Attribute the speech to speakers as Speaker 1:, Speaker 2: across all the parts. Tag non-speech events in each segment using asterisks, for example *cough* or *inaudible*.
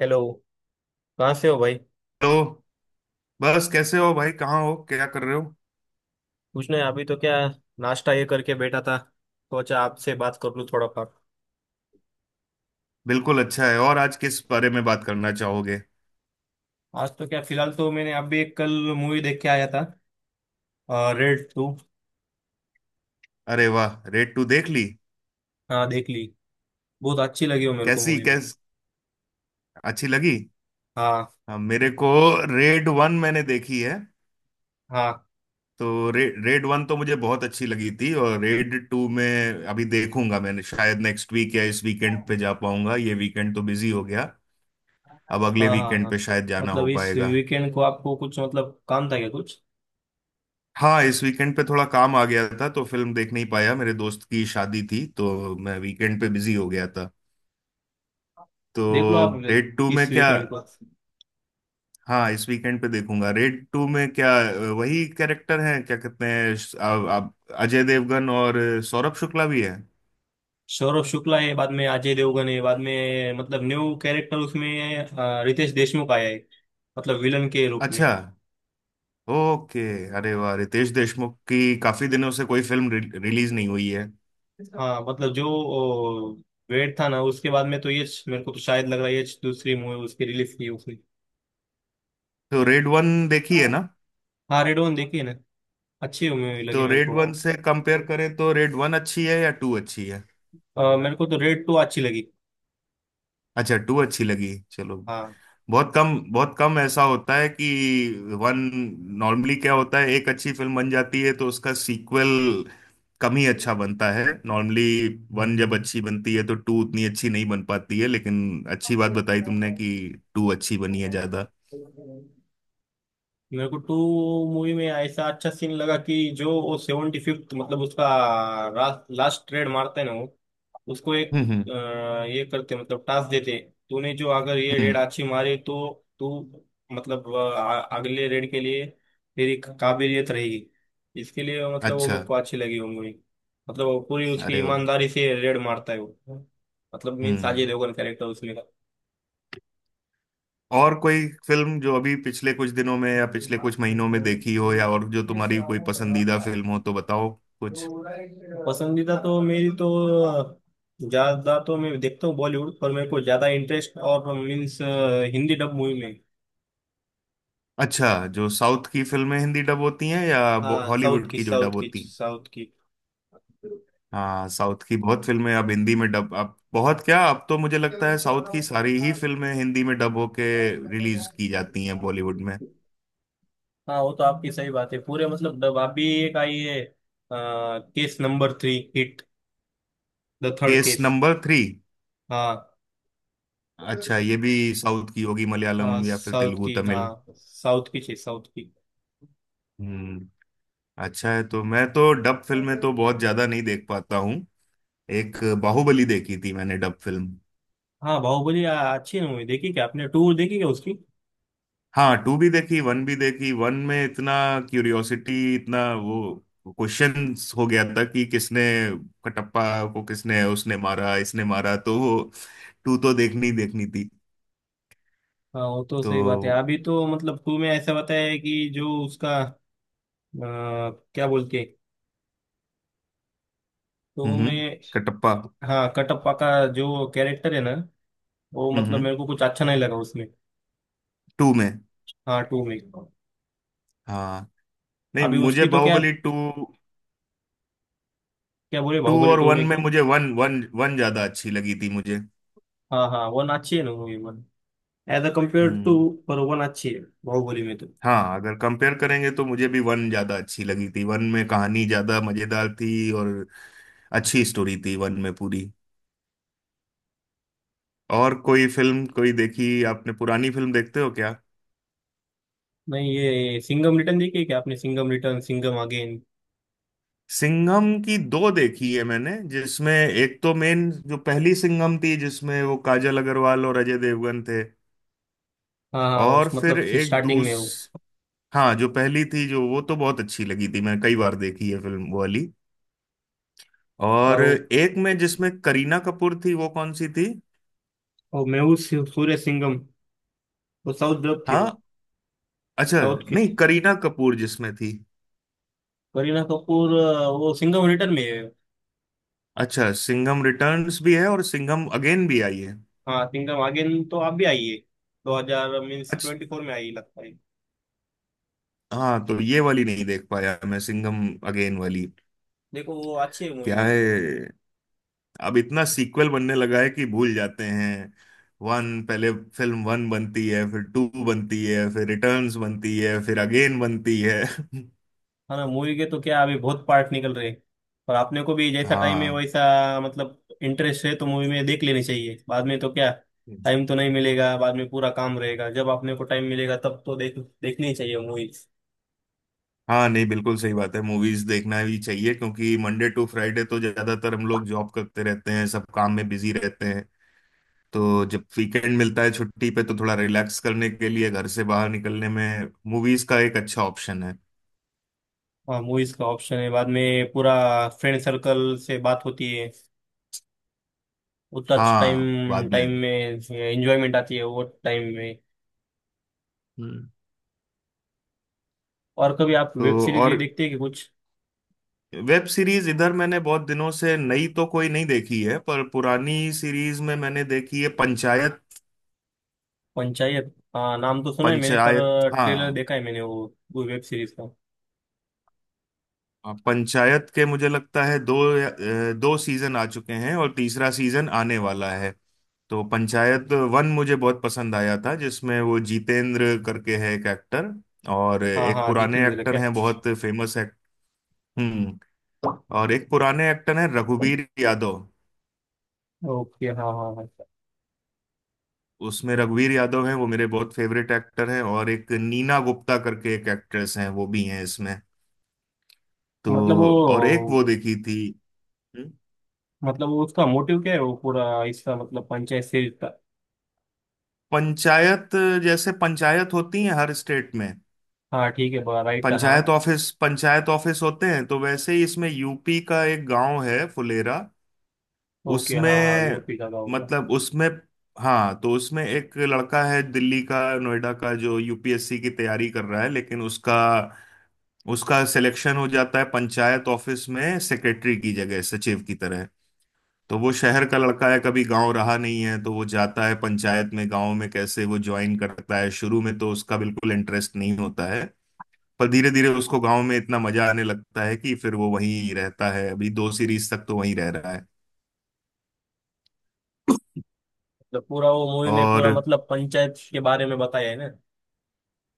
Speaker 1: Hello. कहाँ से हो भाई?
Speaker 2: हेलो। बस कैसे हो भाई कहाँ हो क्या कर रहे हो।
Speaker 1: कुछ नहीं, अभी तो क्या, नाश्ता ये करके बैठा था। सोचा आपसे बात कर लूँ थोड़ा बहुत।
Speaker 2: बिल्कुल अच्छा है। और आज किस बारे में बात करना चाहोगे।
Speaker 1: आज तो क्या, फिलहाल तो मैंने अभी एक कल मूवी देख के आया था। Raid two.
Speaker 2: अरे वाह रेड टू देख ली।
Speaker 1: हाँ, देख ली। बहुत अच्छी लगी हो मेरे को
Speaker 2: कैसी
Speaker 1: मूवी।
Speaker 2: कैस अच्छी लगी।
Speaker 1: हाँ।
Speaker 2: हाँ, मेरे को रेड वन मैंने देखी है।
Speaker 1: हाँ।
Speaker 2: तो रेड वन तो मुझे बहुत अच्छी लगी थी और रेड टू में अभी देखूंगा मैंने शायद नेक्स्ट वीक या इस वीकेंड
Speaker 1: हाँ।
Speaker 2: पे जा पाऊंगा। ये वीकेंड तो बिजी हो गया। अब अगले
Speaker 1: हाँ।
Speaker 2: वीकेंड
Speaker 1: हाँ।
Speaker 2: पे शायद जाना हो
Speaker 1: मतलब इस
Speaker 2: पाएगा।
Speaker 1: वीकेंड को आपको कुछ मतलब काम था क्या कुछ?
Speaker 2: हाँ इस वीकेंड पे थोड़ा काम आ गया था तो फिल्म देख नहीं पाया मेरे दोस्त की शादी थी तो मैं वीकेंड पे बिजी हो गया था। तो
Speaker 1: देख लो आप
Speaker 2: रेड टू में
Speaker 1: इस
Speaker 2: क्या।
Speaker 1: वीकेंड को।
Speaker 2: हाँ इस वीकेंड पे देखूंगा। रेड टू में क्या वही कैरेक्टर हैं क्या कहते हैं अजय देवगन और सौरभ शुक्ला भी है।
Speaker 1: सौरभ शुक्ला है बाद में, अजय देवगन है बाद में, मतलब न्यू कैरेक्टर उसमें रितेश देशमुख आया है। मतलब विलन के रूप में।
Speaker 2: अच्छा। ओके। अरे वाह रितेश देशमुख की काफी दिनों से कोई फिल्म रिलीज नहीं हुई है।
Speaker 1: हाँ, मतलब जो वेट था ना उसके बाद में, तो ये मेरे को तो शायद लग रहा है ये दूसरी मूवी उसकी रिलीज की उसकी।
Speaker 2: तो रेड वन देखी है ना।
Speaker 1: हाँ, रेड वन देखी है ना। अच्छी मूवी लगी
Speaker 2: तो
Speaker 1: मेरे
Speaker 2: रेड
Speaker 1: को।
Speaker 2: वन से कंपेयर करें तो रेड वन अच्छी है या टू अच्छी है।
Speaker 1: मेरे को तो रेड टू अच्छी लगी।
Speaker 2: अच्छा टू अच्छी लगी चलो।
Speaker 1: हाँ।
Speaker 2: बहुत कम ऐसा होता है कि वन नॉर्मली क्या होता है एक अच्छी फिल्म बन जाती है तो उसका सीक्वल कम ही अच्छा बनता है नॉर्मली। वन जब अच्छी बनती है तो टू उतनी अच्छी नहीं बन पाती है लेकिन अच्छी बात बताई तुमने कि टू अच्छी बनी है ज्यादा।
Speaker 1: मेरे को टू मूवी में ऐसा अच्छा सीन लगा कि जो वो 75th मतलब उसका लास्ट ट्रेड मारते हैं ना वो, उसको एक
Speaker 2: हम्म। हम्म।
Speaker 1: ये करते मतलब टास्क देते, तूने जो अगर ये रेड
Speaker 2: हम्म।
Speaker 1: अच्छी मारी तो तू, मतलब अगले रेड के लिए तेरी काबिलियत रहेगी इसके लिए, मतलब वो
Speaker 2: अच्छा।
Speaker 1: मेरे को अच्छी लगी वो मूवी। मतलब वो पूरी उसकी
Speaker 2: अरे वो।
Speaker 1: ईमानदारी से रेड मारता है वो, मतलब मीन्स अजय
Speaker 2: हम्म
Speaker 1: देवगन कैरेक्टर उसमें।
Speaker 2: और कोई फिल्म जो अभी पिछले कुछ दिनों में या पिछले कुछ महीनों में देखी हो या और जो तुम्हारी कोई पसंदीदा फिल्म हो तो बताओ कुछ।
Speaker 1: पसंदीदा तो मेरी तो ज्यादा तो मैं देखता हूँ बॉलीवुड, पर मेरे को ज्यादा इंटरेस्ट और मीन्स हिंदी डब मूवी में।
Speaker 2: अच्छा। जो साउथ की फिल्में हिंदी डब होती हैं या
Speaker 1: हाँ, साउथ
Speaker 2: हॉलीवुड
Speaker 1: की,
Speaker 2: की जो
Speaker 1: साउथ
Speaker 2: डब
Speaker 1: की,
Speaker 2: होती हैं।
Speaker 1: साउथ की।
Speaker 2: हाँ साउथ की बहुत फिल्में अब हिंदी में डब अब बहुत क्या अब तो मुझे लगता है साउथ की सारी ही फिल्में हिंदी में डब होके रिलीज की जाती हैं बॉलीवुड में।
Speaker 1: हाँ, वो तो आपकी सही बात है। पूरे मतलब डब आप भी एक आई है, case number three, hit the third
Speaker 2: case
Speaker 1: case.
Speaker 2: Number three.
Speaker 1: हाँ,
Speaker 2: अच्छा ये भी साउथ की होगी मलयालम
Speaker 1: हाँ
Speaker 2: या फिर
Speaker 1: साउथ
Speaker 2: तेलुगु
Speaker 1: की,
Speaker 2: तमिल।
Speaker 1: हाँ साउथ की चाहिए साउथ की।
Speaker 2: हम्म। अच्छा है तो मैं तो डब फिल्में तो बहुत ज्यादा नहीं देख पाता हूँ। एक बाहुबली देखी थी मैंने डब फिल्म।
Speaker 1: हाँ, बाहुबली अच्छी मूवी। देखी क्या आपने टूर? देखी क्या उसकी?
Speaker 2: हाँ टू भी देखी वन में इतना क्यूरियोसिटी इतना वो क्वेश्चंस हो गया था कि किसने कटप्पा को किसने उसने मारा इसने मारा तो वो टू तो देखनी ही देखनी थी।
Speaker 1: हाँ, वो तो सही बात है।
Speaker 2: तो।
Speaker 1: अभी तो मतलब टू में ऐसा बताया है कि जो उसका क्या बोलते हैं, तो
Speaker 2: हम्म।
Speaker 1: मैं।
Speaker 2: कटप्पा।
Speaker 1: हाँ, कटप्पा का जो कैरेक्टर है ना, वो मतलब
Speaker 2: हम्म।
Speaker 1: मेरे को कुछ अच्छा नहीं लगा उसमें।
Speaker 2: टू में।
Speaker 1: हाँ, टू में।
Speaker 2: हाँ नहीं
Speaker 1: अभी
Speaker 2: मुझे
Speaker 1: उसकी तो क्या,
Speaker 2: बाहुबली टू।
Speaker 1: क्या बोले
Speaker 2: टू
Speaker 1: बाहुबली
Speaker 2: और
Speaker 1: टू
Speaker 2: वन
Speaker 1: में
Speaker 2: में
Speaker 1: क्या।
Speaker 2: मुझे वन वन वन ज्यादा अच्छी लगी थी मुझे।
Speaker 1: हाँ हाँ, वन अच्छी है ना movie, one as a compare to.
Speaker 2: हम्म।
Speaker 1: पर वन अच्छी है बाहुबली में तो।
Speaker 2: हाँ अगर कंपेयर करेंगे तो मुझे भी वन ज्यादा अच्छी लगी थी वन में कहानी ज्यादा मजेदार थी और अच्छी स्टोरी थी वन में पूरी। और कोई फिल्म कोई देखी आपने पुरानी फिल्म देखते हो क्या।
Speaker 1: नहीं, ये सिंघम रिटर्न देखी है क्या आपने? Singham return, Singham again.
Speaker 2: सिंघम की दो देखी है मैंने जिसमें एक तो मेन जो पहली सिंघम थी जिसमें वो काजल अग्रवाल और अजय देवगन थे।
Speaker 1: हाँ हाँ, उस
Speaker 2: और फिर
Speaker 1: मतलब
Speaker 2: एक
Speaker 1: स्टार्टिंग
Speaker 2: दूस।
Speaker 1: में वो।
Speaker 2: हाँ जो पहली थी जो वो तो बहुत अच्छी लगी थी मैंने कई बार देखी है फिल्म वो वाली। और
Speaker 1: और
Speaker 2: एक में जिसमें करीना कपूर थी वो कौन सी थी।
Speaker 1: वो मेहुल सूर्य सिंघम, वो साउथ डब थी
Speaker 2: हाँ।
Speaker 1: वो।
Speaker 2: अच्छा
Speaker 1: साउथ की
Speaker 2: नहीं
Speaker 1: थी।
Speaker 2: करीना कपूर जिसमें थी।
Speaker 1: करीना कपूर, वो सिंघम रिटर्न में है।
Speaker 2: अच्छा सिंघम रिटर्न्स भी है और सिंघम अगेन भी आई है।
Speaker 1: हाँ, किंगडम अगेन तो आप भी आइए। दो हजार मीन्स
Speaker 2: अच्छा।
Speaker 1: ट्वेंटी फोर में आई लगता है।
Speaker 2: हाँ तो ये वाली नहीं देख पाया मैं सिंघम अगेन वाली।
Speaker 1: देखो, वो अच्छी है मूवी
Speaker 2: क्या
Speaker 1: होगी।
Speaker 2: है। अब इतना सीक्वल बनने लगा है कि भूल जाते हैं। वन पहले फिल्म वन बनती है फिर टू बनती है फिर रिटर्न्स बनती है फिर अगेन बनती है। *laughs*
Speaker 1: है ना, मूवी के तो क्या अभी बहुत पार्ट निकल रहे हैं। और आपने को भी जैसा टाइम है
Speaker 2: हाँ।
Speaker 1: वैसा मतलब इंटरेस्ट है तो मूवी में देख लेनी चाहिए, बाद में तो क्या टाइम तो नहीं मिलेगा। बाद में पूरा काम रहेगा, जब आपने को टाइम मिलेगा तब तो देखनी ही चाहिए मूवीज।
Speaker 2: हाँ नहीं बिल्कुल सही बात है मूवीज देखना भी चाहिए क्योंकि मंडे टू फ्राइडे तो ज्यादातर हम लोग जॉब करते रहते हैं सब काम में बिजी रहते हैं। तो जब वीकेंड मिलता है छुट्टी पे तो थोड़ा रिलैक्स करने के लिए घर से बाहर निकलने में मूवीज का एक अच्छा ऑप्शन है।
Speaker 1: हाँ, मूवीज का ऑप्शन है, बाद में पूरा फ्रेंड सर्कल से बात होती है, उतना
Speaker 2: हाँ
Speaker 1: टाइम
Speaker 2: बाद में।
Speaker 1: टाइम में एंजॉयमेंट आती है वो टाइम में।
Speaker 2: हम्म।
Speaker 1: और कभी आप वेब
Speaker 2: तो
Speaker 1: सीरीज ये
Speaker 2: और।
Speaker 1: देखते हैं कि कुछ?
Speaker 2: वेब सीरीज इधर मैंने बहुत दिनों से नई तो कोई नहीं देखी है पर पुरानी सीरीज में मैंने देखी है पंचायत।
Speaker 1: पंचायत, हाँ नाम तो सुना है मैंने,
Speaker 2: पंचायत
Speaker 1: पर ट्रेलर
Speaker 2: हाँ।
Speaker 1: देखा है मैंने वो वेब सीरीज का।
Speaker 2: हाँ, पंचायत के मुझे लगता है दो सीजन आ चुके हैं और तीसरा सीजन आने वाला है। तो पंचायत वन मुझे बहुत पसंद आया था जिसमें वो जितेंद्र करके है एक एक्टर और
Speaker 1: हाँ
Speaker 2: एक
Speaker 1: हाँ,
Speaker 2: पुराने
Speaker 1: जितेंद्र
Speaker 2: एक्टर
Speaker 1: क्या।
Speaker 2: हैं बहुत फेमस एक्ट। हम्म। और एक पुराने एक्टर हैं रघुवीर यादव।
Speaker 1: ओके हाँ हाँ हाँ।
Speaker 2: उसमें रघुवीर यादव हैं वो मेरे बहुत फेवरेट एक्टर हैं और एक नीना गुप्ता करके एक एक्ट्रेस हैं वो भी हैं इसमें।
Speaker 1: मतलब
Speaker 2: तो। और एक वो
Speaker 1: वो,
Speaker 2: देखी थी। हम्म?
Speaker 1: मतलब वो उसका मोटिव क्या है वो पूरा इसका, मतलब पंचायत सीरीज का।
Speaker 2: पंचायत। जैसे पंचायत होती है हर स्टेट में
Speaker 1: हाँ ठीक है, राइट, हाँ।
Speaker 2: पंचायत ऑफिस होते हैं तो वैसे ही इसमें यूपी का एक गांव है फुलेरा
Speaker 1: ओके हाँ हाँ,
Speaker 2: उसमें।
Speaker 1: यूपी का गाँव क्या।
Speaker 2: मतलब उसमें। हाँ तो उसमें एक लड़का है दिल्ली का नोएडा का जो यूपीएससी की तैयारी कर रहा है लेकिन उसका उसका सिलेक्शन हो जाता है पंचायत ऑफिस में सेक्रेटरी की जगह सचिव की तरह। तो वो शहर का लड़का है कभी गांव रहा नहीं है तो वो जाता है पंचायत में गांव में कैसे वो ज्वाइन करता है शुरू में तो उसका बिल्कुल इंटरेस्ट नहीं होता है। पर धीरे धीरे उसको गांव में इतना मजा आने लगता है कि फिर वो वहीं रहता है अभी दो सीरीज तक तो वहीं रह रहा है।
Speaker 1: मतलब पूरा वो मूवी में पूरा
Speaker 2: और
Speaker 1: मतलब पंचायत के बारे में बताया है ना।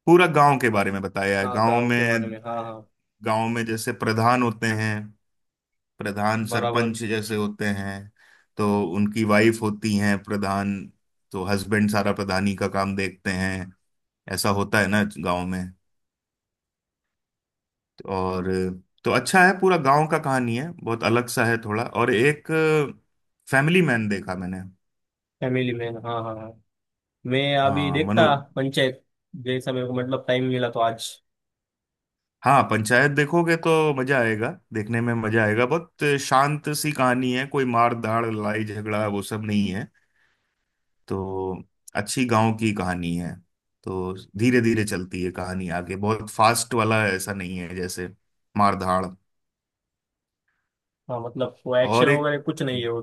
Speaker 2: पूरा गांव के बारे में बताया है
Speaker 1: हाँ, गाँव के बारे में, हाँ हाँ।
Speaker 2: गांव में जैसे प्रधान होते हैं। प्रधान
Speaker 1: बराबर।
Speaker 2: सरपंच जैसे होते हैं। तो उनकी वाइफ होती हैं प्रधान। तो हस्बैंड सारा प्रधानी का काम देखते हैं। ऐसा होता है ना गांव में। और। तो अच्छा है पूरा गांव का कहानी है बहुत अलग सा है थोड़ा और एक फैमिली मैन देखा मैंने।
Speaker 1: फैमिली मैन, हाँ हाँ हाँ। मैं अभी
Speaker 2: हाँ
Speaker 1: देखता
Speaker 2: मनोज।
Speaker 1: पंचायत, जैसा मेरे को मतलब टाइम मिला तो आज।
Speaker 2: हाँ पंचायत देखोगे तो मजा आएगा। देखने में मजा आएगा बहुत शांत सी कहानी है कोई मार धाड़ लड़ाई झगड़ा वो सब नहीं है। तो अच्छी गांव की कहानी है। तो धीरे धीरे चलती है कहानी आगे बहुत फास्ट वाला ऐसा नहीं है जैसे मार धाड़।
Speaker 1: हाँ, मतलब वो एक्शन
Speaker 2: और एक।
Speaker 1: वगैरह कुछ नहीं है वो,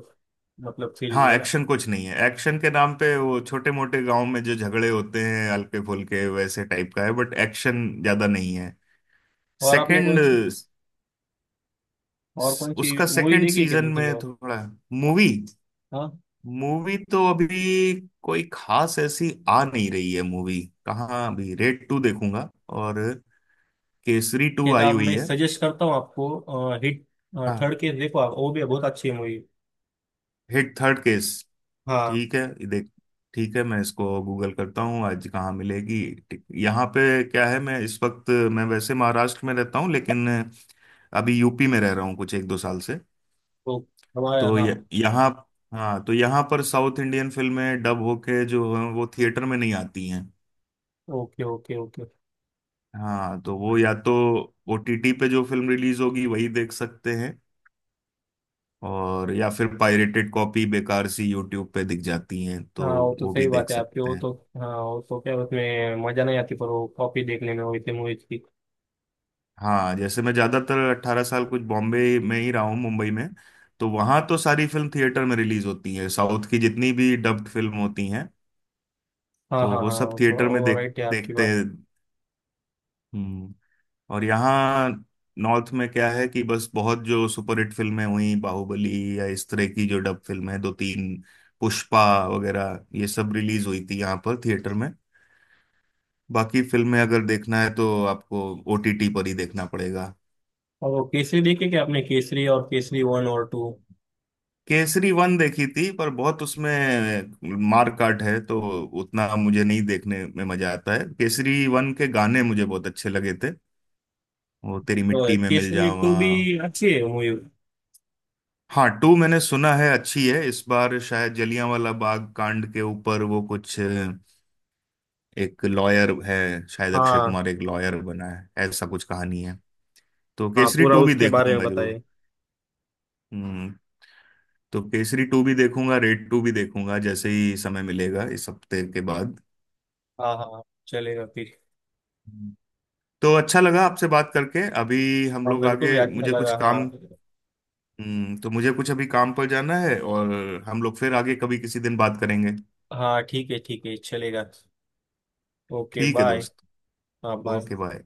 Speaker 1: मतलब सीरीज
Speaker 2: हाँ
Speaker 1: में ना।
Speaker 2: एक्शन कुछ नहीं है एक्शन के नाम पे वो छोटे मोटे गांव में जो झगड़े होते हैं हल्के फुल्के वैसे टाइप का है बट एक्शन ज्यादा नहीं है।
Speaker 1: और आपने
Speaker 2: सेकंड।
Speaker 1: कौन सी, और कौन सी
Speaker 2: उसका
Speaker 1: मूवी
Speaker 2: सेकंड
Speaker 1: देखी है क्या
Speaker 2: सीजन
Speaker 1: दूसरी
Speaker 2: में
Speaker 1: और।
Speaker 2: थोड़ा। मूवी।
Speaker 1: हाँ,
Speaker 2: मूवी तो अभी कोई खास ऐसी आ नहीं रही है मूवी। कहाँ अभी रेड टू देखूंगा और केसरी टू
Speaker 1: एक
Speaker 2: आई
Speaker 1: आप
Speaker 2: हुई
Speaker 1: मैं
Speaker 2: है।
Speaker 1: सजेस्ट करता हूँ आपको हिट
Speaker 2: हाँ।
Speaker 1: Third case. देखो आप, वो भी बहुत अच्छी मूवी है।
Speaker 2: Hit third case.
Speaker 1: हाँ
Speaker 2: ठीक है ये देख। ठीक है मैं इसको गूगल करता हूँ आज कहाँ मिलेगी। यहाँ पे क्या है मैं इस वक्त मैं वैसे महाराष्ट्र में रहता हूँ लेकिन अभी यूपी में रह रहा हूँ कुछ एक दो साल से।
Speaker 1: वो, हमारे
Speaker 2: तो ये
Speaker 1: हाँ।
Speaker 2: यहाँ। हाँ तो यहाँ पर साउथ इंडियन फिल्में डब होके जो हैं, वो थिएटर में नहीं आती हैं।
Speaker 1: Okay okay okay.
Speaker 2: हाँ तो वो या तो ओटीटी पे जो फिल्म रिलीज होगी वही देख सकते हैं। और या फिर पायरेटेड कॉपी बेकार सी यूट्यूब पे दिख जाती हैं तो
Speaker 1: हाँ, वो तो
Speaker 2: वो भी
Speaker 1: सही बात
Speaker 2: देख
Speaker 1: है आपकी
Speaker 2: सकते
Speaker 1: वो
Speaker 2: हैं।
Speaker 1: तो। हाँ, वो तो क्या उसमें मजा नहीं आती पर वो कॉपी देखने में वैसे मूवीज की।
Speaker 2: हाँ जैसे मैं ज्यादातर 18 साल कुछ बॉम्बे में ही रहा हूँ मुंबई में। तो वहां तो सारी फिल्म थिएटर में रिलीज होती है साउथ की जितनी भी डब्ड फिल्म होती हैं।
Speaker 1: हाँ
Speaker 2: तो
Speaker 1: हाँ
Speaker 2: वो
Speaker 1: हाँ,
Speaker 2: सब थिएटर में
Speaker 1: वो
Speaker 2: देख
Speaker 1: राइट है आपकी
Speaker 2: देखते
Speaker 1: बात।
Speaker 2: हैं। हम्म, और यहाँ नॉर्थ में क्या है कि बस बहुत जो सुपरहिट फिल्में हुई बाहुबली या इस तरह की जो डब फिल्में हैं, दो तीन पुष्पा वगैरह ये सब रिलीज हुई थी यहाँ पर थिएटर में। बाकी फिल्में अगर देखना है तो आपको ओटीटी पर ही देखना पड़ेगा।
Speaker 1: और वो केसरी देखी क्या आपने, केसरी और केसरी वन और टू?
Speaker 2: केसरी वन देखी थी पर बहुत उसमें मार काट है तो उतना मुझे नहीं देखने में मजा आता है केसरी वन के गाने मुझे बहुत अच्छे लगे थे। वो तेरी मिट्टी में मिल
Speaker 1: केसरी टू
Speaker 2: जावा।
Speaker 1: भी अच्छी है मूवी।
Speaker 2: हाँ टू मैंने सुना है अच्छी है इस बार शायद जलियांवाला बाग कांड के ऊपर वो कुछ एक लॉयर है शायद अक्षय
Speaker 1: हाँ।
Speaker 2: कुमार एक लॉयर बना है ऐसा कुछ कहानी है। तो
Speaker 1: हाँ,
Speaker 2: केसरी
Speaker 1: पूरा
Speaker 2: टू भी
Speaker 1: उसके बारे में
Speaker 2: देखूंगा जरूर।
Speaker 1: बताइए।
Speaker 2: हम्म। तो केसरी टू भी देखूंगा रेड टू भी देखूंगा जैसे ही समय मिलेगा इस हफ्ते के बाद।
Speaker 1: हाँ हाँ, चलेगा फिर।
Speaker 2: तो अच्छा लगा आपसे बात करके अभी हम
Speaker 1: हाँ,
Speaker 2: लोग
Speaker 1: मेरे को भी
Speaker 2: आगे
Speaker 1: अच्छा
Speaker 2: मुझे कुछ
Speaker 1: लगा, हाँ।
Speaker 2: काम। तो मुझे कुछ अभी काम पर जाना है और हम लोग फिर आगे कभी किसी दिन बात करेंगे।
Speaker 1: हाँ ठीक है चलेगा। ओके
Speaker 2: ठीक है
Speaker 1: बाय।
Speaker 2: दोस्त।
Speaker 1: हाँ बाय।
Speaker 2: Okay bye.